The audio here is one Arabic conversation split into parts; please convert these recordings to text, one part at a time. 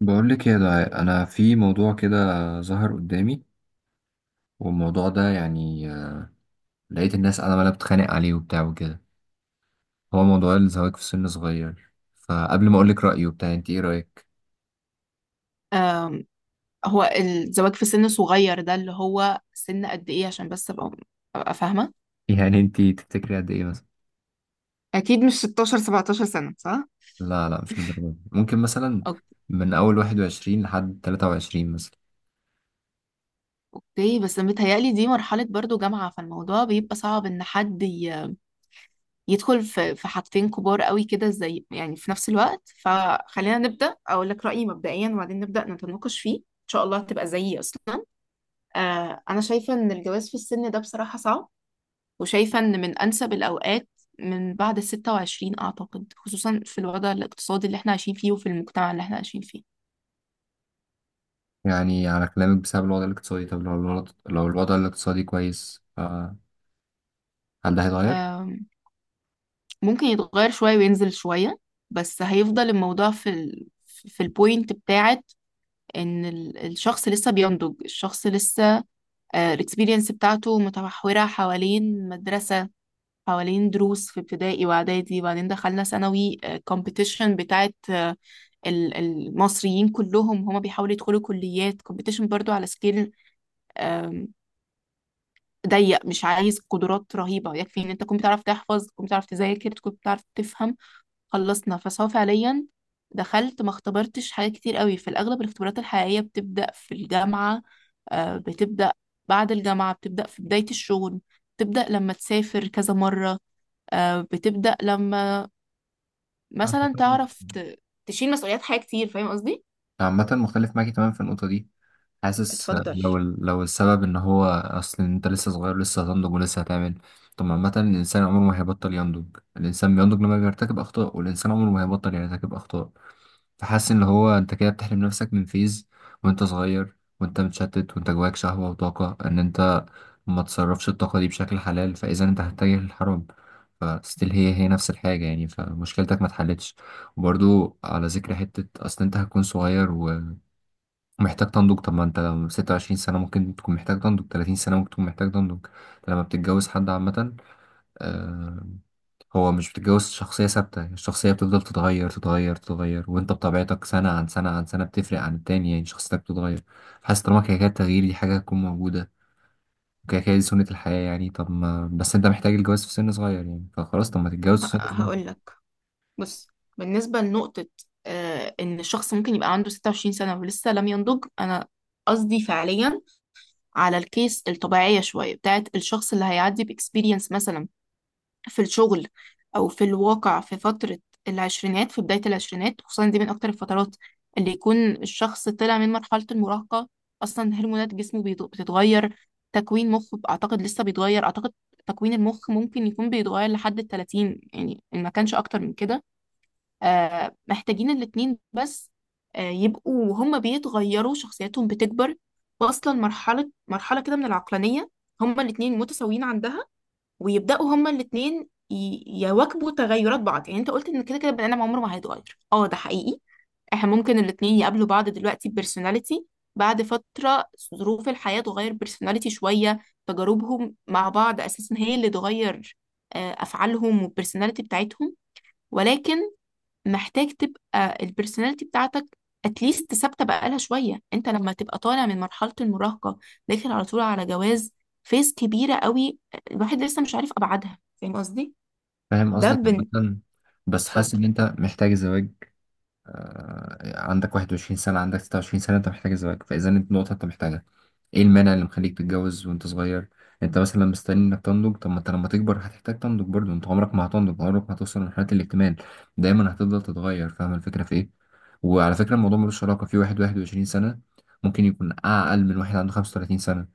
بقول لك يا دعاء انا في موضوع كده ظهر قدامي. والموضوع ده يعني لقيت الناس عماله بتتخانق عليه وبتاع وكده. هو موضوع الزواج في سن صغير، فقبل ما اقول لك رايي وبتاع انت ايه رايك؟ آم، هو الزواج في سن صغير ده اللي هو سن قد ايه؟ عشان بس ابقى فاهمة. يعني انت تفتكري قد ايه مثلا؟ اكيد مش 16 17 سنة، صح؟ لا، مش للدرجه دي، ممكن مثلا أوك- من اول 21 لحد 23 مثلا. اوكي، بس متهيألي دي مرحلة برضو جامعة، فالموضوع بيبقى صعب ان حد يدخل في حاجتين كبار قوي كده زي يعني في نفس الوقت. فخلينا نبدأ اقول لك رأيي مبدئيا وبعدين نبدأ نتناقش فيه، ان شاء الله هتبقى زيي اصلا. آه انا شايفة ان الجواز في السن ده بصراحة صعب، وشايفة إن من أنسب الأوقات من بعد الـ26، أعتقد خصوصا في الوضع الاقتصادي اللي احنا عايشين فيه وفي المجتمع اللي احنا عايشين فيه. يعني على كلامك بسبب الوضع الاقتصادي، طب لو الوضع الاقتصادي كويس هل ده هيتغير؟ أم، ممكن يتغير شوية وينزل شوية، بس هيفضل الموضوع في في البوينت بتاعت إن الشخص لسه بينضج، الشخص لسه الاكسبيرينس بتاعته متمحورة حوالين مدرسة، حوالين دروس في ابتدائي واعدادي، وبعدين دخلنا ثانوي، كومبيتيشن بتاعت المصريين كلهم هما بيحاولوا يدخلوا كليات كومبيتيشن برضو على سكيل ضيق، مش عايز قدرات رهيبة، يكفي ان انت تكون بتعرف تحفظ، تكون بتعرف تذاكر، تكون بتعرف تفهم. خلصنا، فسواء فعليا دخلت ما اختبرتش حاجات كتير قوي، في الاغلب الاختبارات الحقيقية بتبدأ في الجامعة. بتبدأ بعد الجامعة، بتبدأ في بداية الشغل، بتبدأ لما تسافر كذا مرة. بتبدأ لما مثلا أعتقد تعرف تشيل مسؤوليات حاجة كتير. فاهم قصدي؟ عامة مختلف معاكي تمام في النقطة دي. حاسس اتفضل. لو السبب ان هو اصل إن انت لسه صغير، لسه هتنضج ولسه هتعمل. طب عامة الانسان عمره ما هيبطل ينضج، الانسان بينضج لما بيرتكب اخطاء، والانسان عمره ما هيبطل يرتكب اخطاء. فحاسس ان هو انت كده بتحرم نفسك من فيز وانت صغير، وانت متشتت وانت جواك شهوة وطاقة ان انت ما تصرفش الطاقة دي بشكل حلال، فاذا انت هتتجه للحرام. فستيل هي نفس الحاجة يعني، فمشكلتك ما اتحلتش. وبرضو على ذكر حتة أصل أنت هتكون صغير محتاج تنضج، طب ما انت لو 26 سنة ممكن تكون محتاج تنضج، 30 سنة ممكن تكون محتاج تنضج. لما بتتجوز حد عامة آه، هو مش بتتجوز شخصية ثابتة، الشخصية بتفضل تتغير، وانت بطبيعتك سنة عن سنة عن سنة بتفرق عن التاني، يعني شخصيتك بتتغير. حاسس طالما كده كده التغيير دي حاجة هتكون موجودة وكده كده دي سنة الحياة يعني، طب ما بس انت محتاج الجواز في سن صغير يعني فخلاص طب ما تتجوز في سن صغير. هقول لك، بص، بالنسبة لنقطة آه إن الشخص ممكن يبقى عنده 26 سنة ولسه لم ينضج، أنا قصدي فعليا على الكيس الطبيعية شوية بتاعت الشخص اللي هيعدي بإكسبيرينس مثلا في الشغل او في الواقع. في فترة العشرينات، في بداية العشرينات خصوصا، دي من اكتر الفترات اللي يكون الشخص طلع من مرحلة المراهقة. اصلا هرمونات جسمه بتتغير، تكوين مخه اعتقد لسه بيتغير. اعتقد تكوين المخ ممكن يكون بيتغير لحد الـ30 يعني، إن ما كانش اكتر من كده. آه، محتاجين الاتنين بس آه يبقوا هما بيتغيروا، شخصياتهم بتكبر، واصلا مرحلة كده من العقلانية هما الاتنين متساويين عندها، ويبداوا هما الاثنين يواكبوا تغيرات بعض. يعني انت قلت ان كده كده البني ادم عمره ما هيتغير، اه ده حقيقي. احنا ممكن الاثنين يقابلوا بعض دلوقتي بيرسوناليتي، بعد فتره ظروف الحياه تغير بيرسوناليتي شويه، تجاربهم مع بعض اساسا هي اللي تغير افعالهم والبيرسوناليتي بتاعتهم. ولكن محتاج تبقى البرسوناليتي بتاعتك اتليست ثابته بقالها شويه. انت لما تبقى طالع من مرحله المراهقه، داخل على طول على جواز، فيز كبيره قوي، الواحد لسه مش عارف ابعادها. فاهم قصدي؟ فاهم ده قصدك. بن عامة، بس اتفضل. حاسس ان انت محتاج الزواج. عندك 21 سنة، عندك 26 سنة، أنت محتاج الزواج، فإذا أنت نقطة أنت محتاجها، إيه المانع اللي مخليك تتجوز وأنت صغير؟ أنت مثلا مستني إنك تنضج، طب ما أنت لما تكبر هتحتاج تنضج برضه، أنت عمرك ما هتنضج، عمرك ما هتوصل لمرحلة الاكتمال. دايما هتفضل تتغير، فاهم الفكرة في إيه؟ وعلى فكرة الموضوع ملوش علاقة، في واحد 21 سنة ممكن يكون أقل من واحد عنده 35 سنة.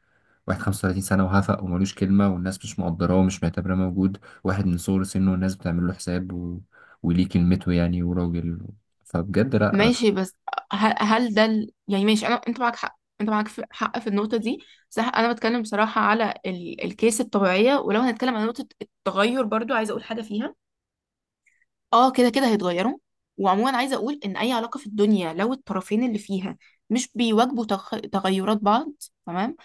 واحد 35 سنة وهفق وملوش كلمة والناس مش مقدراه ومش معتبراه موجود، واحد من صغر سنه والناس بتعمل له حساب وليه كلمته يعني وراجل. فبجد لأ. ماشي، بس هل يعني ماشي، انا انت معاك حق، انت معاك حق في النقطه دي، صح. انا بتكلم بصراحه على الكيس الطبيعيه. ولو هنتكلم عن نقطه التغير برضو عايزه اقول حاجه فيها. اه كده كده هيتغيروا، وعموما عايزه اقول ان اي علاقه في الدنيا لو الطرفين اللي فيها مش بيواجهوا تغيرات بعض، تمام.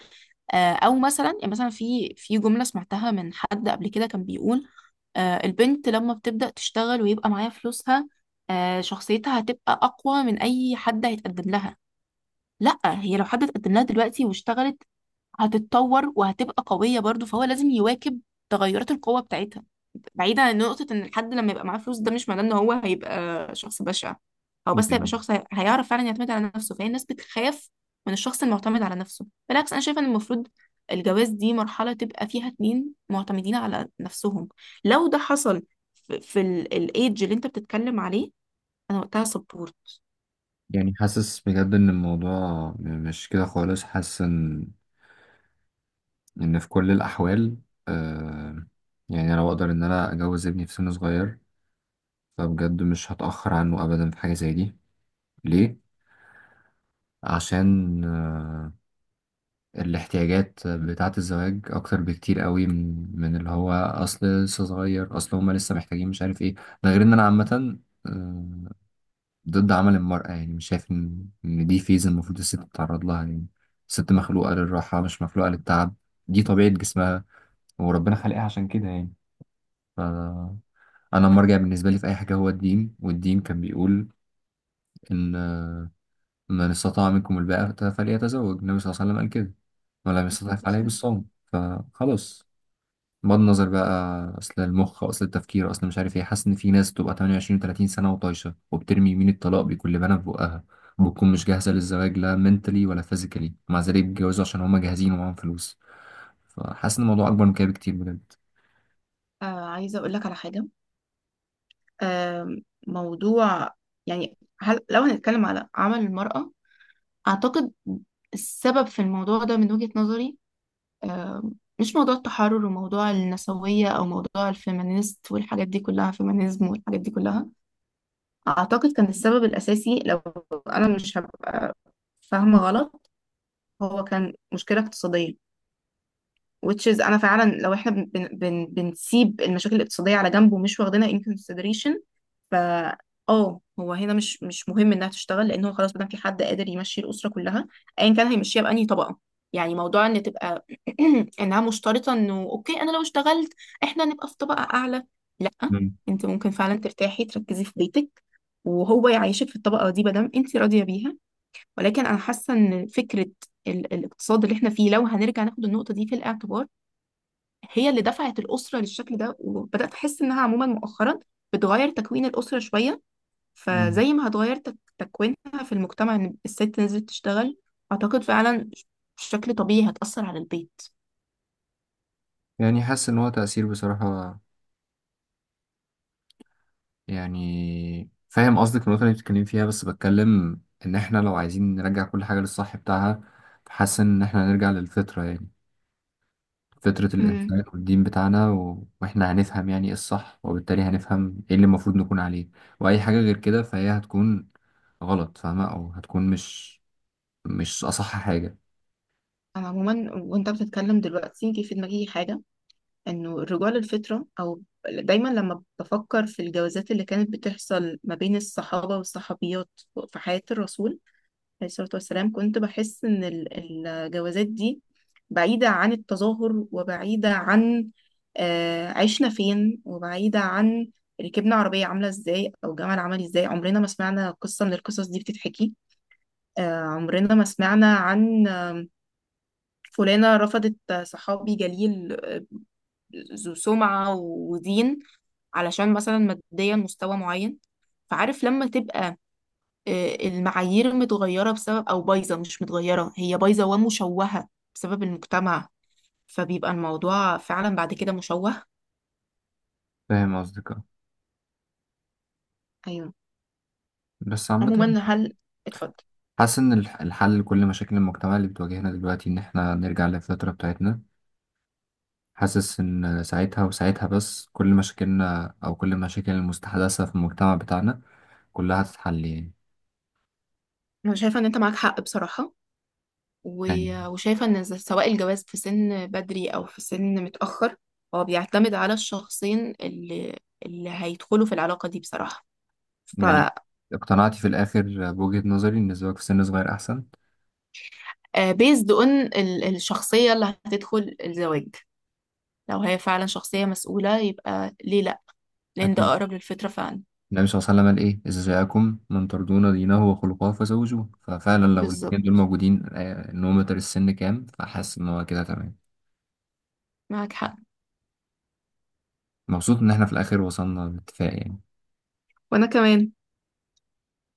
او مثلا يعني مثلا في في جمله سمعتها من حد قبل كده كان بيقول آه البنت لما بتبدا تشتغل ويبقى معاها فلوسها، آه شخصيتها هتبقى اقوى من اي حد هيتقدم لها. لا، هي لو حد اتقدم لها دلوقتي واشتغلت، هتتطور وهتبقى قويه برضو، فهو لازم يواكب تغيرات القوه بتاعتها. بعيدا عن نقطة ان الحد لما يبقى معاه فلوس، ده مش معناه ان هو هيبقى شخص بشع، هو بس هيبقى يعني شخص هيعرف فعلا يعتمد على نفسه. فهي الناس بتخاف من الشخص المعتمد على نفسه. بالعكس، انا شايفة ان المفروض الجواز دي مرحلة تبقى فيها اتنين معتمدين على نفسهم. لو ده حصل في الايدج اللي انت بتتكلم عليه، انا وقتها سبورت. يعني حاسس بجد إن الموضوع م- مش كده خالص. حاسس إن في كل الأحوال آه يعني لو أقدر إن أنا أجوز ابني في سن صغير، فبجد مش هتأخر عنه أبدا في حاجة زي دي. ليه؟ عشان الاحتياجات بتاعة الزواج أكتر بكتير قوي من اللي هو أصل لسه صغير، أصل هما لسه محتاجين مش عارف إيه. ده غير إن أنا عامة آه، ضد عمل المرأة، يعني مش شايف إن دي فيز المفروض الست تتعرض لها يعني. الست مخلوقة للراحة مش مخلوقة للتعب، دي طبيعة جسمها وربنا خلقها عشان كده يعني. ف... أنا المرجع بالنسبة لي في أي حاجة هو الدين، والدين كان بيقول إن من استطاع منكم الباءة فليتزوج، النبي صلى الله عليه وسلم قال كده، ولم يستطع فعليه بالصوم فخلاص. بغض النظر بقى اصل المخ اصل التفكير اصل مش عارف ايه، حاسس ان في ناس بتبقى 28 و30 سنه وطايشه وبترمي يمين الطلاق بكل بنا في بقها، وبتكون مش جاهزه للزواج لا منتلي ولا فيزيكالي، مع ذلك بيتجوزوا عشان هما جاهزين ومعاهم فلوس. فحاسس ان الموضوع اكبر من كده بكتير بجد. آه عايزة اقول لك على حاجة، آه موضوع يعني هل لو هنتكلم على عمل المرأة، أعتقد السبب في الموضوع ده من وجهة نظري آه، مش موضوع التحرر وموضوع النسوية أو موضوع الفيمينيست والحاجات دي كلها، فيمينيزم والحاجات دي كلها. أعتقد كان السبب الأساسي، لو أنا مش هبقى فاهمة غلط، هو كان مشكلة اقتصادية. which is انا فعلا لو احنا بن بن بن بنسيب المشاكل الاقتصاديه على جنب ومش واخدينها in consideration، ف اه هو هنا مش مهم انها تشتغل، لان هو خلاص ما دام في حد قادر يمشي الاسره كلها، ايا كان هيمشيها بانهي طبقه. يعني موضوع ان تبقى انها مشترطه انه اوكي انا لو اشتغلت احنا نبقى في طبقه اعلى، لا. مم. انت ممكن فعلا ترتاحي، تركزي في بيتك، وهو يعيشك في الطبقه دي ما دام انت راضيه بيها. ولكن انا حاسه ان فكره الاقتصاد اللي احنا فيه، لو هنرجع ناخد النقطه دي في الاعتبار، هي اللي دفعت الأسرة للشكل ده. وبدأت أحس إنها عموما مؤخرا بتغير تكوين الأسرة شوية. مم. فزي ما هتغير تكوينها في المجتمع إن الست نزلت تشتغل، أعتقد فعلا بشكل طبيعي هتأثر على البيت. يعني حاسس ان هو تأثير بصراحة، يعني فاهم قصدك النقطة اللي بتتكلم فيها، بس بتكلم ان احنا لو عايزين نرجع كل حاجة للصح بتاعها، حاسس ان احنا هنرجع للفطرة يعني، فطرة امم الإنسانية والدين بتاعنا وإحنا هنفهم يعني إيه الصح، وبالتالي هنفهم إيه اللي المفروض نكون عليه. وأي حاجة غير كده فهي هتكون غلط فاهمة، أو هتكون مش أصح حاجة. أنا عموما وأنت بتتكلم دلوقتي جه في دماغي حاجة، إنه الرجوع للفطرة، أو دايما لما بفكر في الجوازات اللي كانت بتحصل ما بين الصحابة والصحابيات في حياة الرسول عليه الصلاة والسلام، كنت بحس إن الجوازات دي بعيدة عن التظاهر وبعيدة عن عشنا فين، وبعيدة عن ركبنا عربية عاملة إزاي أو جمل عمل إزاي. عمرنا ما سمعنا قصة من القصص دي بتتحكي، عمرنا ما سمعنا عن فلانة رفضت صحابي جليل ذو سمعة ودين علشان مثلا ماديا مستوى معين. فعارف لما تبقى المعايير متغيرة بسبب، أو بايظة مش متغيرة، هي بايظة ومشوهة بسبب المجتمع، فبيبقى الموضوع فعلا بعد كده مشوه. فاهم قصدك آه. أيوه. بس عامة عموما هل، اتفضل. حاسس إن الحل لكل مشاكل المجتمع اللي بتواجهنا دلوقتي إن إحنا نرجع للفطرة بتاعتنا. حاسس إن ساعتها وساعتها بس كل مشاكلنا أو كل المشاكل المستحدثة في المجتمع بتاعنا كلها هتتحل يعني. أنا شايفة إن أنت معاك حق بصراحة. يعني و- وشايفة إن ز- سواء الجواز في سن بدري أو في سن متأخر، هو بيعتمد على الشخصين اللي اللي هيدخلوا في العلاقة دي بصراحة. ف يعني اقتنعتي في الآخر بوجهة نظري إن الزواج في سن صغير أحسن؟ بيزد اون الشخصية اللي هتدخل الزواج، لو هي فعلا شخصية مسؤولة يبقى ليه، لان ده أكيد. اقرب للفطرة فعلا. النبي صلى الله عليه وسلم قال إيه، إذا جاءكم من ترضون دينه وخلقه فزوجوه، ففعلا لو الاتنين دول بالظبط، موجودين النومتر السن كام، فحاسس إن هو كده تمام. معاك حق. مبسوط إن إحنا في الآخر وصلنا لاتفاق يعني. وانا كمان.